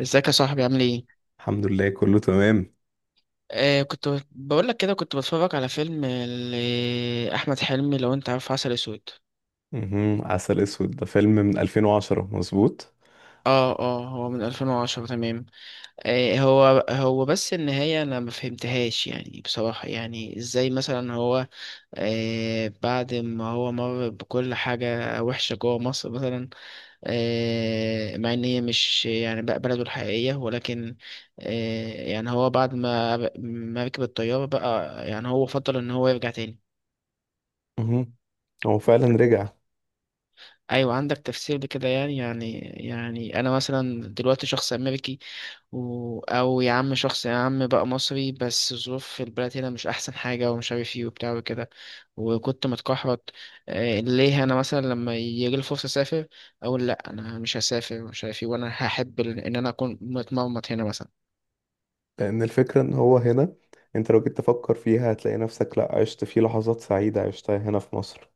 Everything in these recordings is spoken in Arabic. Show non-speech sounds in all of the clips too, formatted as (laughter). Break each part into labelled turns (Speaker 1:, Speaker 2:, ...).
Speaker 1: ازيك يا صاحبي، عامل ايه؟
Speaker 2: الحمد لله كله تمام.
Speaker 1: كنت بقول لك كده، كنت بتفرج على فيلم احمد حلمي، لو انت عارف عسل اسود.
Speaker 2: مهم. عسل اسود ده فيلم من 2010، مظبوط.
Speaker 1: اه هو من 2010، تمام. هو بس النهاية انا ما فهمتهاش، يعني بصراحة ازاي مثلا هو... بعد ما هو مر بكل حاجة وحشة جوه مصر مثلا، مع ان هي مش يعني بقى بلده الحقيقية، ولكن يعني هو بعد ما ركب الطيارة بقى، يعني هو فضل ان هو يرجع تاني.
Speaker 2: مهم. هو فعلا رجع.
Speaker 1: ايوه، عندك تفسير لكده؟ يعني انا مثلا دلوقتي شخص امريكي او يا عم شخص، يا عم بقى مصري، بس ظروف في البلد هنا مش احسن حاجه ومش عارف ايه وبتاع وكده، وكنت متكحرت. ليه انا مثلا لما يجي لي فرصه اسافر اقول لا انا مش هسافر ومش عارف ايه؟ وانا هحب ان انا اكون متمرمط هنا مثلا؟
Speaker 2: لان الفكرة ان هو هنا، انت لو جيت تفكر فيها هتلاقي نفسك لا عشت فيه لحظات سعيدة عشتها هنا في مصر،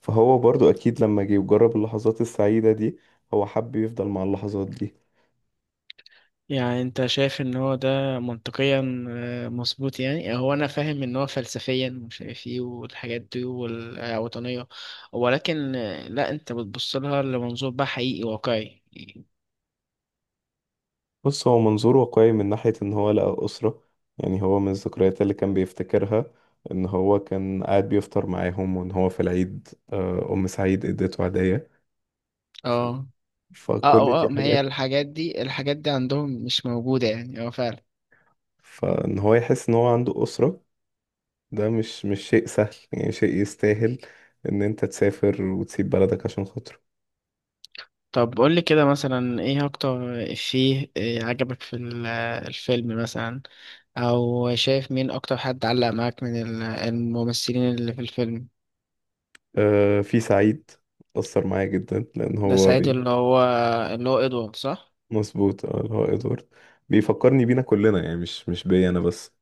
Speaker 2: فهو برضو اكيد لما جه وجرب اللحظات السعيدة دي هو حب يفضل مع اللحظات دي.
Speaker 1: يعني انت شايف ان هو ده منطقيا؟ مظبوط. يعني هو انا فاهم ان هو فلسفيا مش عارف ايه والحاجات دي والوطنية، ولكن لا، انت بتبص لها لمنظور بقى حقيقي واقعي.
Speaker 2: بص، هو منظور واقعي من ناحية ان هو لقى اسرة. يعني هو من الذكريات اللي كان بيفتكرها ان هو كان قاعد بيفطر معاهم، وان هو في العيد ام سعيد اديته هدية.
Speaker 1: اه
Speaker 2: فكل دي
Speaker 1: اه ما هي
Speaker 2: حاجات.
Speaker 1: الحاجات دي، الحاجات دي عندهم مش موجودة يعني، اه فعلا.
Speaker 2: فان هو يحس ان هو عنده أسرة، ده مش شيء سهل، يعني شيء يستاهل ان انت تسافر وتسيب بلدك عشان خاطره.
Speaker 1: طب قول لي كده، مثلا ايه اكتر افيه عجبك في الفيلم مثلا؟ او شايف مين اكتر حد علق معاك من الممثلين اللي في الفيلم؟
Speaker 2: في سعيد أثر معايا جدا لان
Speaker 1: ده
Speaker 2: هو
Speaker 1: سعيد، اللي هو ادوارد، صح؟
Speaker 2: مظبوط. اه، اللي هو ادوارد بيفكرني بينا كلنا، يعني مش بيا انا بس.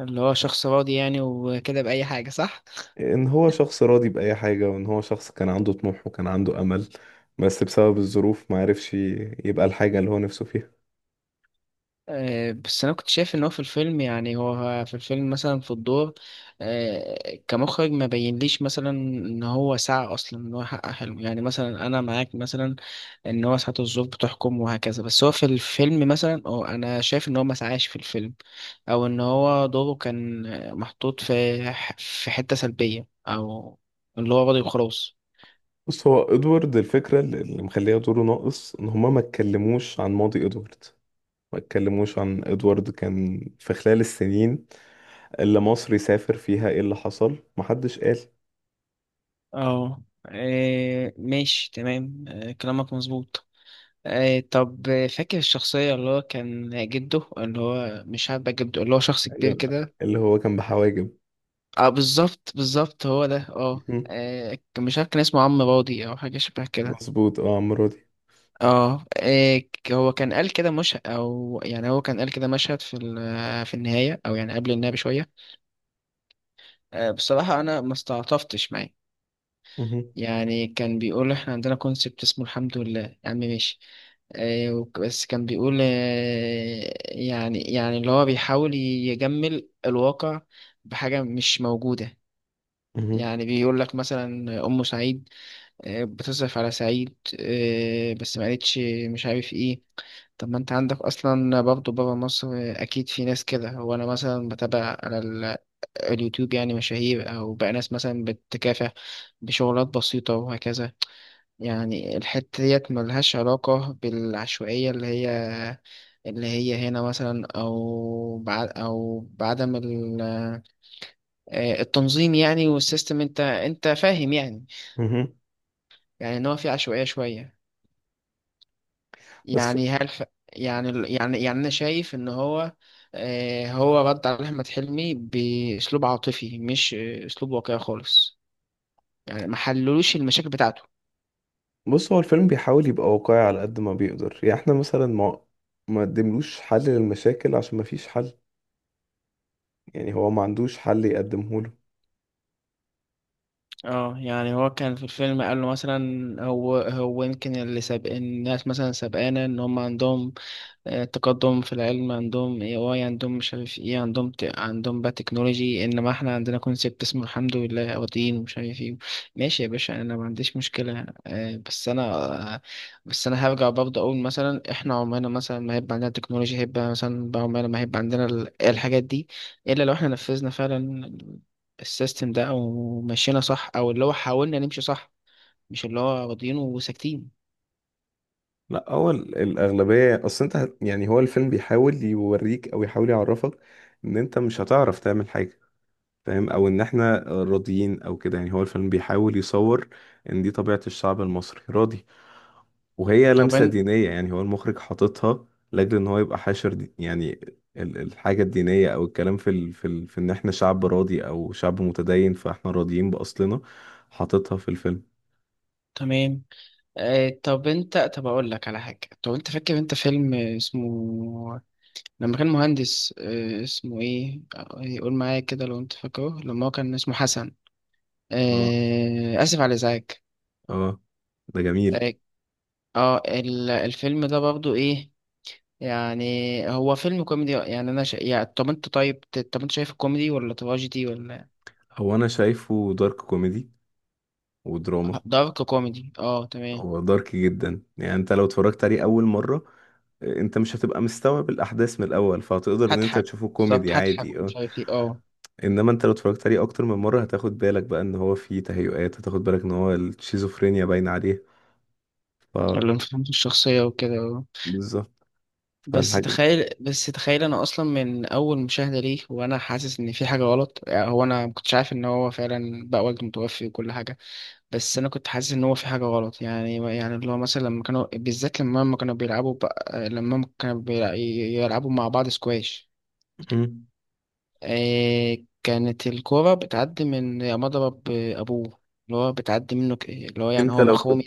Speaker 1: اللي هو شخص راضي يعني وكده بأي حاجة، صح؟
Speaker 2: ان هو شخص راضي بأي حاجة، وان هو شخص كان عنده طموح وكان عنده أمل، بس بسبب الظروف ما عرفش يبقى الحاجة اللي هو نفسه فيها.
Speaker 1: بس انا كنت شايف ان هو في الفيلم، يعني هو في الفيلم مثلا في الدور كمخرج، ما بينليش مثلا ان هو سعى اصلا ان هو حقق حلمه. يعني مثلا انا معاك مثلا ان هو ساعات الظروف بتحكم وهكذا، بس هو في الفيلم مثلا، أو انا شايف ان هو ما سعاش في الفيلم، او ان هو دوره كان محطوط في في حتة سلبية، او اللي هو راضي وخلاص.
Speaker 2: بص، هو ادوارد الفكرة اللي مخليها دوره ناقص ان هما ما اتكلموش عن ماضي ادوارد، ما اتكلموش عن ادوارد كان في خلال السنين اللي مصر يسافر فيها، ايه اللي حصل؟ محدش قال.
Speaker 1: اه، ماشي تمام، كلامك مظبوط. طب فاكر الشخصية اللي هو كان جده، اللي هو مش عارف بقى جده، اللي هو شخص كبير
Speaker 2: ايوه،
Speaker 1: كده؟
Speaker 2: اللي هو كان بحواجب.
Speaker 1: اه، بالظبط بالظبط، هو ده اه.
Speaker 2: مهم.
Speaker 1: مش عارف كان اسمه عم راضي او حاجة شبه كده.
Speaker 2: مظبوط، اه عمرو دي.
Speaker 1: اه، هو كان قال كده، مش، او يعني هو كان قال كده مشهد في في النهاية، او يعني قبل النهاية بشوية. بصراحة انا ما استعطفتش معاه.
Speaker 2: مهم.
Speaker 1: يعني كان بيقول احنا عندنا كونسبت اسمه الحمد لله يا عم ماشي. بس كان بيقول اللي هو بيحاول يجمل الواقع بحاجة مش موجودة.
Speaker 2: مهم.
Speaker 1: يعني بيقول لك مثلا أم سعيد بتصرف على سعيد، بس ما قالتش مش عارف ايه. طب ما انت عندك اصلا برضه بابا مصر، اكيد في ناس كده. هو انا مثلا بتابع على اليوتيوب، يعني مشاهير او بقى ناس مثلا بتكافح بشغلات بسيطة وهكذا. يعني الحتة ديت ملهاش علاقة بالعشوائية اللي هي هنا مثلا، أو بعدم التنظيم يعني والسيستم. أنت فاهم يعني.
Speaker 2: مهم.
Speaker 1: يعني إن هو في عشوائية شوية،
Speaker 2: بس
Speaker 1: يعني يعني أنا شايف إن هو هو رد على أحمد حلمي بأسلوب عاطفي، مش أسلوب واقعي خالص. يعني ما حللوش المشاكل بتاعته.
Speaker 2: بص، هو الفيلم بيحاول يبقى واقعي على قد ما بيقدر، يعني احنا مثلا ما قدملوش حل للمشاكل عشان ما فيش حل. يعني هو ما عندوش حل يقدمه.
Speaker 1: اه. يعني هو كان في الفيلم قال له مثلا، هو يمكن اللي سابق الناس، مثلا سابقانا ان هم عندهم التقدم في العلم، عندهم اي اي عندهم مش عارف ايه، عندهم بقى تكنولوجي، انما احنا عندنا كونسيبت اسمه الحمد لله، او دين ومش عارف ايه. ماشي يا باشا، انا ما عنديش مشكلة، آه، بس انا هرجع برضه اقول مثلا احنا عمرنا مثلا ما هيبقى عندنا تكنولوجيا، هيبقى مثلا بقى عمرنا ما هيبقى عندنا إيه الحاجات دي، الا لو احنا نفذنا فعلا السيستم ده، او مشينا صح، او اللي هو حاولنا نمشي صح، مش اللي هو راضيين وساكتين.
Speaker 2: لا، هو الأغلبية، أصل أنت يعني هو الفيلم بيحاول يوريك أو يحاول يعرفك إن أنت مش هتعرف تعمل حاجة، فاهم؟ أو إن إحنا راضيين أو كده. يعني هو الفيلم بيحاول يصور إن دي طبيعة الشعب المصري، راضي. وهي
Speaker 1: طب
Speaker 2: لمسة
Speaker 1: إن-
Speaker 2: دينية، يعني هو المخرج حاططها لأجل إن هو يبقى حاشر دي، يعني الحاجة الدينية أو الكلام في إن إحنا شعب راضي أو شعب متدين، فإحنا راضيين بأصلنا، حاططها في الفيلم.
Speaker 1: تمام. طب انت، طب اقول لك على حاجه، طب انت فاكر انت فيلم اسمه لما كان مهندس، اسمه ايه، يقول معايا كده لو انت فاكره، لما هو كان اسمه حسن،
Speaker 2: آه.
Speaker 1: اسف على الازعاج.
Speaker 2: آه. ده جميل.
Speaker 1: اه، الفيلم ده برضو ايه يعني؟ هو فيلم كوميدي، يعني طب انت، طب انت شايف كوميدي ولا تراجيدي ولا؟
Speaker 2: هو انا شايفه دارك كوميدي ودراما.
Speaker 1: دارك كوميدي، اه، تمام.
Speaker 2: هو دارك جدا، يعني انت لو اتفرجت عليه اول مرة انت مش هتبقى مستوعب الاحداث من الاول، فهتقدر ان انت
Speaker 1: هضحك
Speaker 2: تشوفه
Speaker 1: بالظبط،
Speaker 2: كوميدي
Speaker 1: هضحك
Speaker 2: عادي، اه.
Speaker 1: مش عارف ايه اه.
Speaker 2: انما انت لو اتفرجت عليه اكتر من مرة هتاخد بالك بقى ان هو فيه تهيؤات، هتاخد بالك ان هو الشيزوفرينيا باينة عليه. ف
Speaker 1: اللي مفهمش الشخصيه وكده.
Speaker 2: بالظبط.
Speaker 1: بس
Speaker 2: فالحاجة دي.
Speaker 1: تخيل بس تخيل، انا اصلا من اول مشاهده ليه وانا حاسس ان في حاجه غلط. يعني هو انا ما كنتش عارف ان هو فعلا بقى والده متوفي وكل حاجه، بس انا كنت حاسس ان هو في حاجه غلط، يعني اللي هو مثلا لما كانوا بالذات، لما هم كانوا بيلعبوا بقى، لما هم كانوا يلعبوا مع بعض سكواش،
Speaker 2: مم.
Speaker 1: إيه، كانت الكوره بتعدي من مضرب ابوه، اللي هو بتعدي منه، اللي هو يعني
Speaker 2: انت
Speaker 1: هو
Speaker 2: لو كنت،
Speaker 1: مخروم.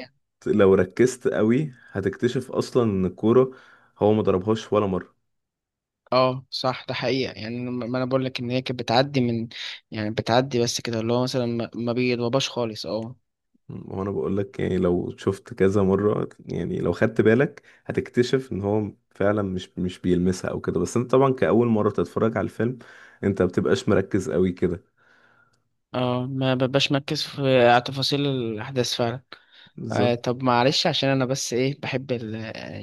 Speaker 2: لو ركزت قوي هتكتشف اصلا ان الكورة هو ما ضربهاش ولا مرة.
Speaker 1: اه صح، ده حقيقة يعني. ما انا بقول لك ان هي كانت بتعدي من، يعني بتعدي بس كده، اللي هو مثلا ما ما بيتوباش خالص اه.
Speaker 2: وانا بقول لك، يعني لو شفت كذا مرة، يعني لو خدت بالك هتكتشف ان هو فعلا مش بيلمسها او كده، بس انت طبعا كأول مرة تتفرج على الفيلم انت ما بتبقاش مركز قوي كده.
Speaker 1: اه، ما ببقاش مركز في على تفاصيل الاحداث فعلا.
Speaker 2: بالظبط.
Speaker 1: طب معلش، عشان انا بس ايه بحب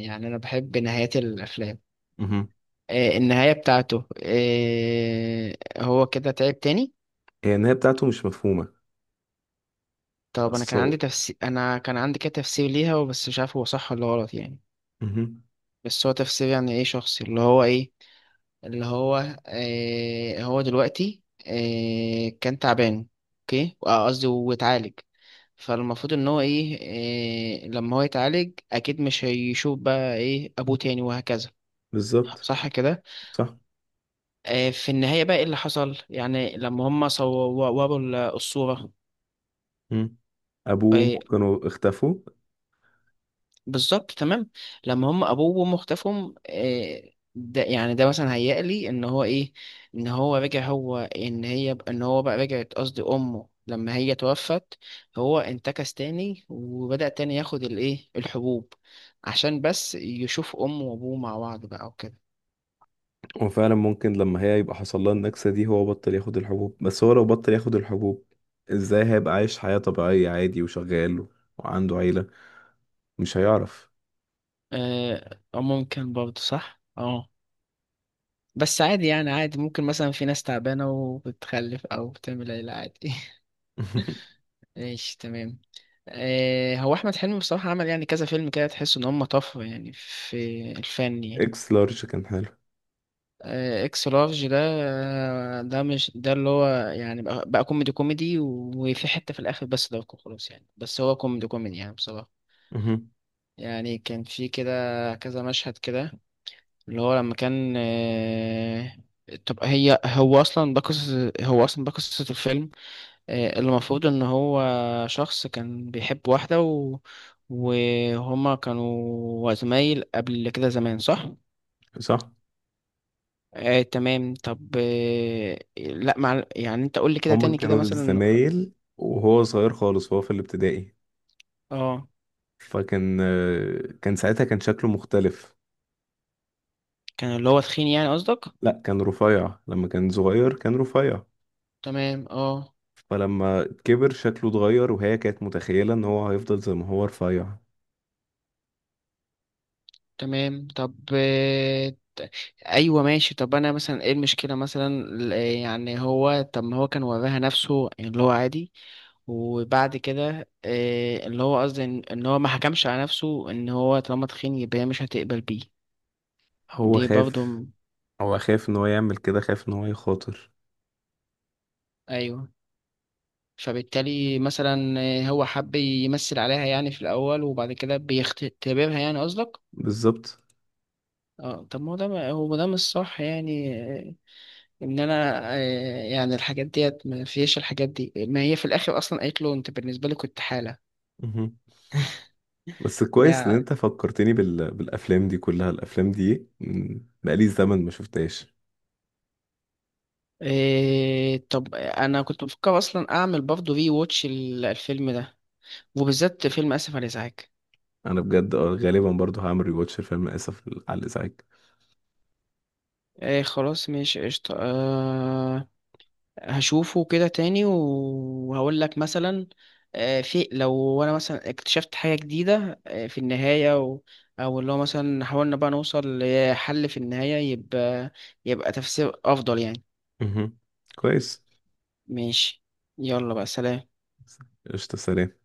Speaker 1: يعني انا بحب نهايات الافلام.
Speaker 2: مهم.
Speaker 1: النهاية بتاعته، هو كده تعب تاني.
Speaker 2: هي النهاية بتاعته مش مفهومة.
Speaker 1: طب انا كان عندي
Speaker 2: اصل.
Speaker 1: تفسير، انا كان عندي كده تفسير ليها، بس مش عارف هو صح ولا غلط يعني.
Speaker 2: مهم.
Speaker 1: بس هو تفسير يعني ايه، شخصي. اللي هو ايه، اللي هو هو دلوقتي كان تعبان، اوكي، قصدي واتعالج. فالمفروض ان هو ايه، لما هو يتعالج اكيد مش هيشوف بقى ايه ابوه تاني وهكذا.
Speaker 2: بالظبط.
Speaker 1: صح كده؟
Speaker 2: صح.
Speaker 1: في النهاية بقى، ايه اللي حصل يعني لما هم صوروا الصورة؟
Speaker 2: مم. ابوه
Speaker 1: آه،
Speaker 2: وامه كانوا اختفوا.
Speaker 1: بالظبط، تمام. لما هم ابوه وامه اختفوا، ده يعني ده مثلا هيقلي لي ان هو ايه، ان هو رجع. هو ان هي ان هو بقى، رجعت قصدي امه، لما هي توفت هو انتكس تاني، وبدأ تاني ياخد الايه الحبوب عشان بس يشوف امه وابوه مع بعض بقى وكده.
Speaker 2: وفعلا ممكن لما هي يبقى حصل لها النكسة دي هو بطل ياخد الحبوب، بس هو لو بطل ياخد الحبوب ازاي هيبقى عايش حياة طبيعية عادي وشغال وعنده عيلة؟ مش هيعرف.
Speaker 1: أو ممكن برضه، صح اه. بس عادي يعني، عادي ممكن مثلا في ناس تعبانة وبتخلف او بتعمل عيلة عادي. (laughs)
Speaker 2: (laughs)
Speaker 1: ايش تمام. هو احمد حلمي بصراحه عمل يعني كذا فيلم كده تحس ان هم طفره يعني في الفن يعني.
Speaker 2: اكس لارج كان حلو.
Speaker 1: اكس لارج ده، مش ده اللي هو، يعني بقى كوميدي كوميدي، وفي حته في الاخر، بس ده خلاص يعني، بس هو كوميدي كوميدي يعني بصراحه.
Speaker 2: مهم.
Speaker 1: يعني كان في كده كذا مشهد كده اللي هو لما كان طب هي، هو اصلا ده قصه الفيلم، اللي المفروض ان هو شخص كان بيحب واحدة وهما كانوا زمايل قبل كده زمان، صح؟
Speaker 2: صح.
Speaker 1: تمام. طب آه لا مع... يعني انت قول لي كده
Speaker 2: هما
Speaker 1: تاني كده
Speaker 2: كانوا
Speaker 1: مثلا.
Speaker 2: زمايل وهو صغير خالص وهو في الابتدائي،
Speaker 1: اه،
Speaker 2: فكان كان ساعتها كان شكله مختلف.
Speaker 1: كان اللي هو تخين يعني قصدك؟
Speaker 2: لا، كان رفيع لما كان صغير، كان رفيع.
Speaker 1: تمام اه.
Speaker 2: فلما كبر شكله اتغير، وهي كانت متخيلة ان هو هيفضل زي ما هو رفيع.
Speaker 1: تمام. طب ايوه ماشي، طب انا مثلا ايه المشكله مثلا، يعني هو، طب ما هو كان وراها نفسه يعني، اللي هو عادي، وبعد كده اللي هو قصدي إن هو ما حكمش على نفسه ان هو طالما تخين يبقى هي مش هتقبل بيه.
Speaker 2: هو
Speaker 1: دي برضه
Speaker 2: خاف.
Speaker 1: م-
Speaker 2: هو خاف ان هو يعمل كده، خاف ان هو يخاطر.
Speaker 1: ايوه، فبالتالي مثلا هو حب يمثل عليها يعني في الاول، وبعد كده بيختبرها يعني قصدك.
Speaker 2: بالظبط.
Speaker 1: اه، طب ما هو ده، هو ده مش صح يعني ان انا يعني الحاجات ديت، ما فيش الحاجات دي، ما هي في الاخر اصلا قالت له انت بالنسبه لي كنت حاله.
Speaker 2: مهم. بس
Speaker 1: ما
Speaker 2: كويس ان
Speaker 1: هي
Speaker 2: انت فكرتني بالافلام دي كلها، الافلام دي بقالي زمن ما شفتهاش.
Speaker 1: إيه، طب انا كنت بفكر اصلا اعمل برضه ري ووتش الفيلم ده، وبالذات فيلم اسف على الازعاج.
Speaker 2: انا بجد اه غالبا برضو هعمل ريواتش الفيلم اسف على الازعاج.
Speaker 1: ايه خلاص، ماشي قشطة. أه هشوفه كده تاني وهقول لك مثلا أه في لو انا مثلا اكتشفت حاجة جديدة أه في النهاية، و... او اللي هو مثلا حاولنا بقى نوصل لحل في النهاية، يبقى تفسير افضل يعني.
Speaker 2: مهم. كويس.
Speaker 1: ماشي، يلا بقى، سلام.
Speaker 2: قشطة. سلام.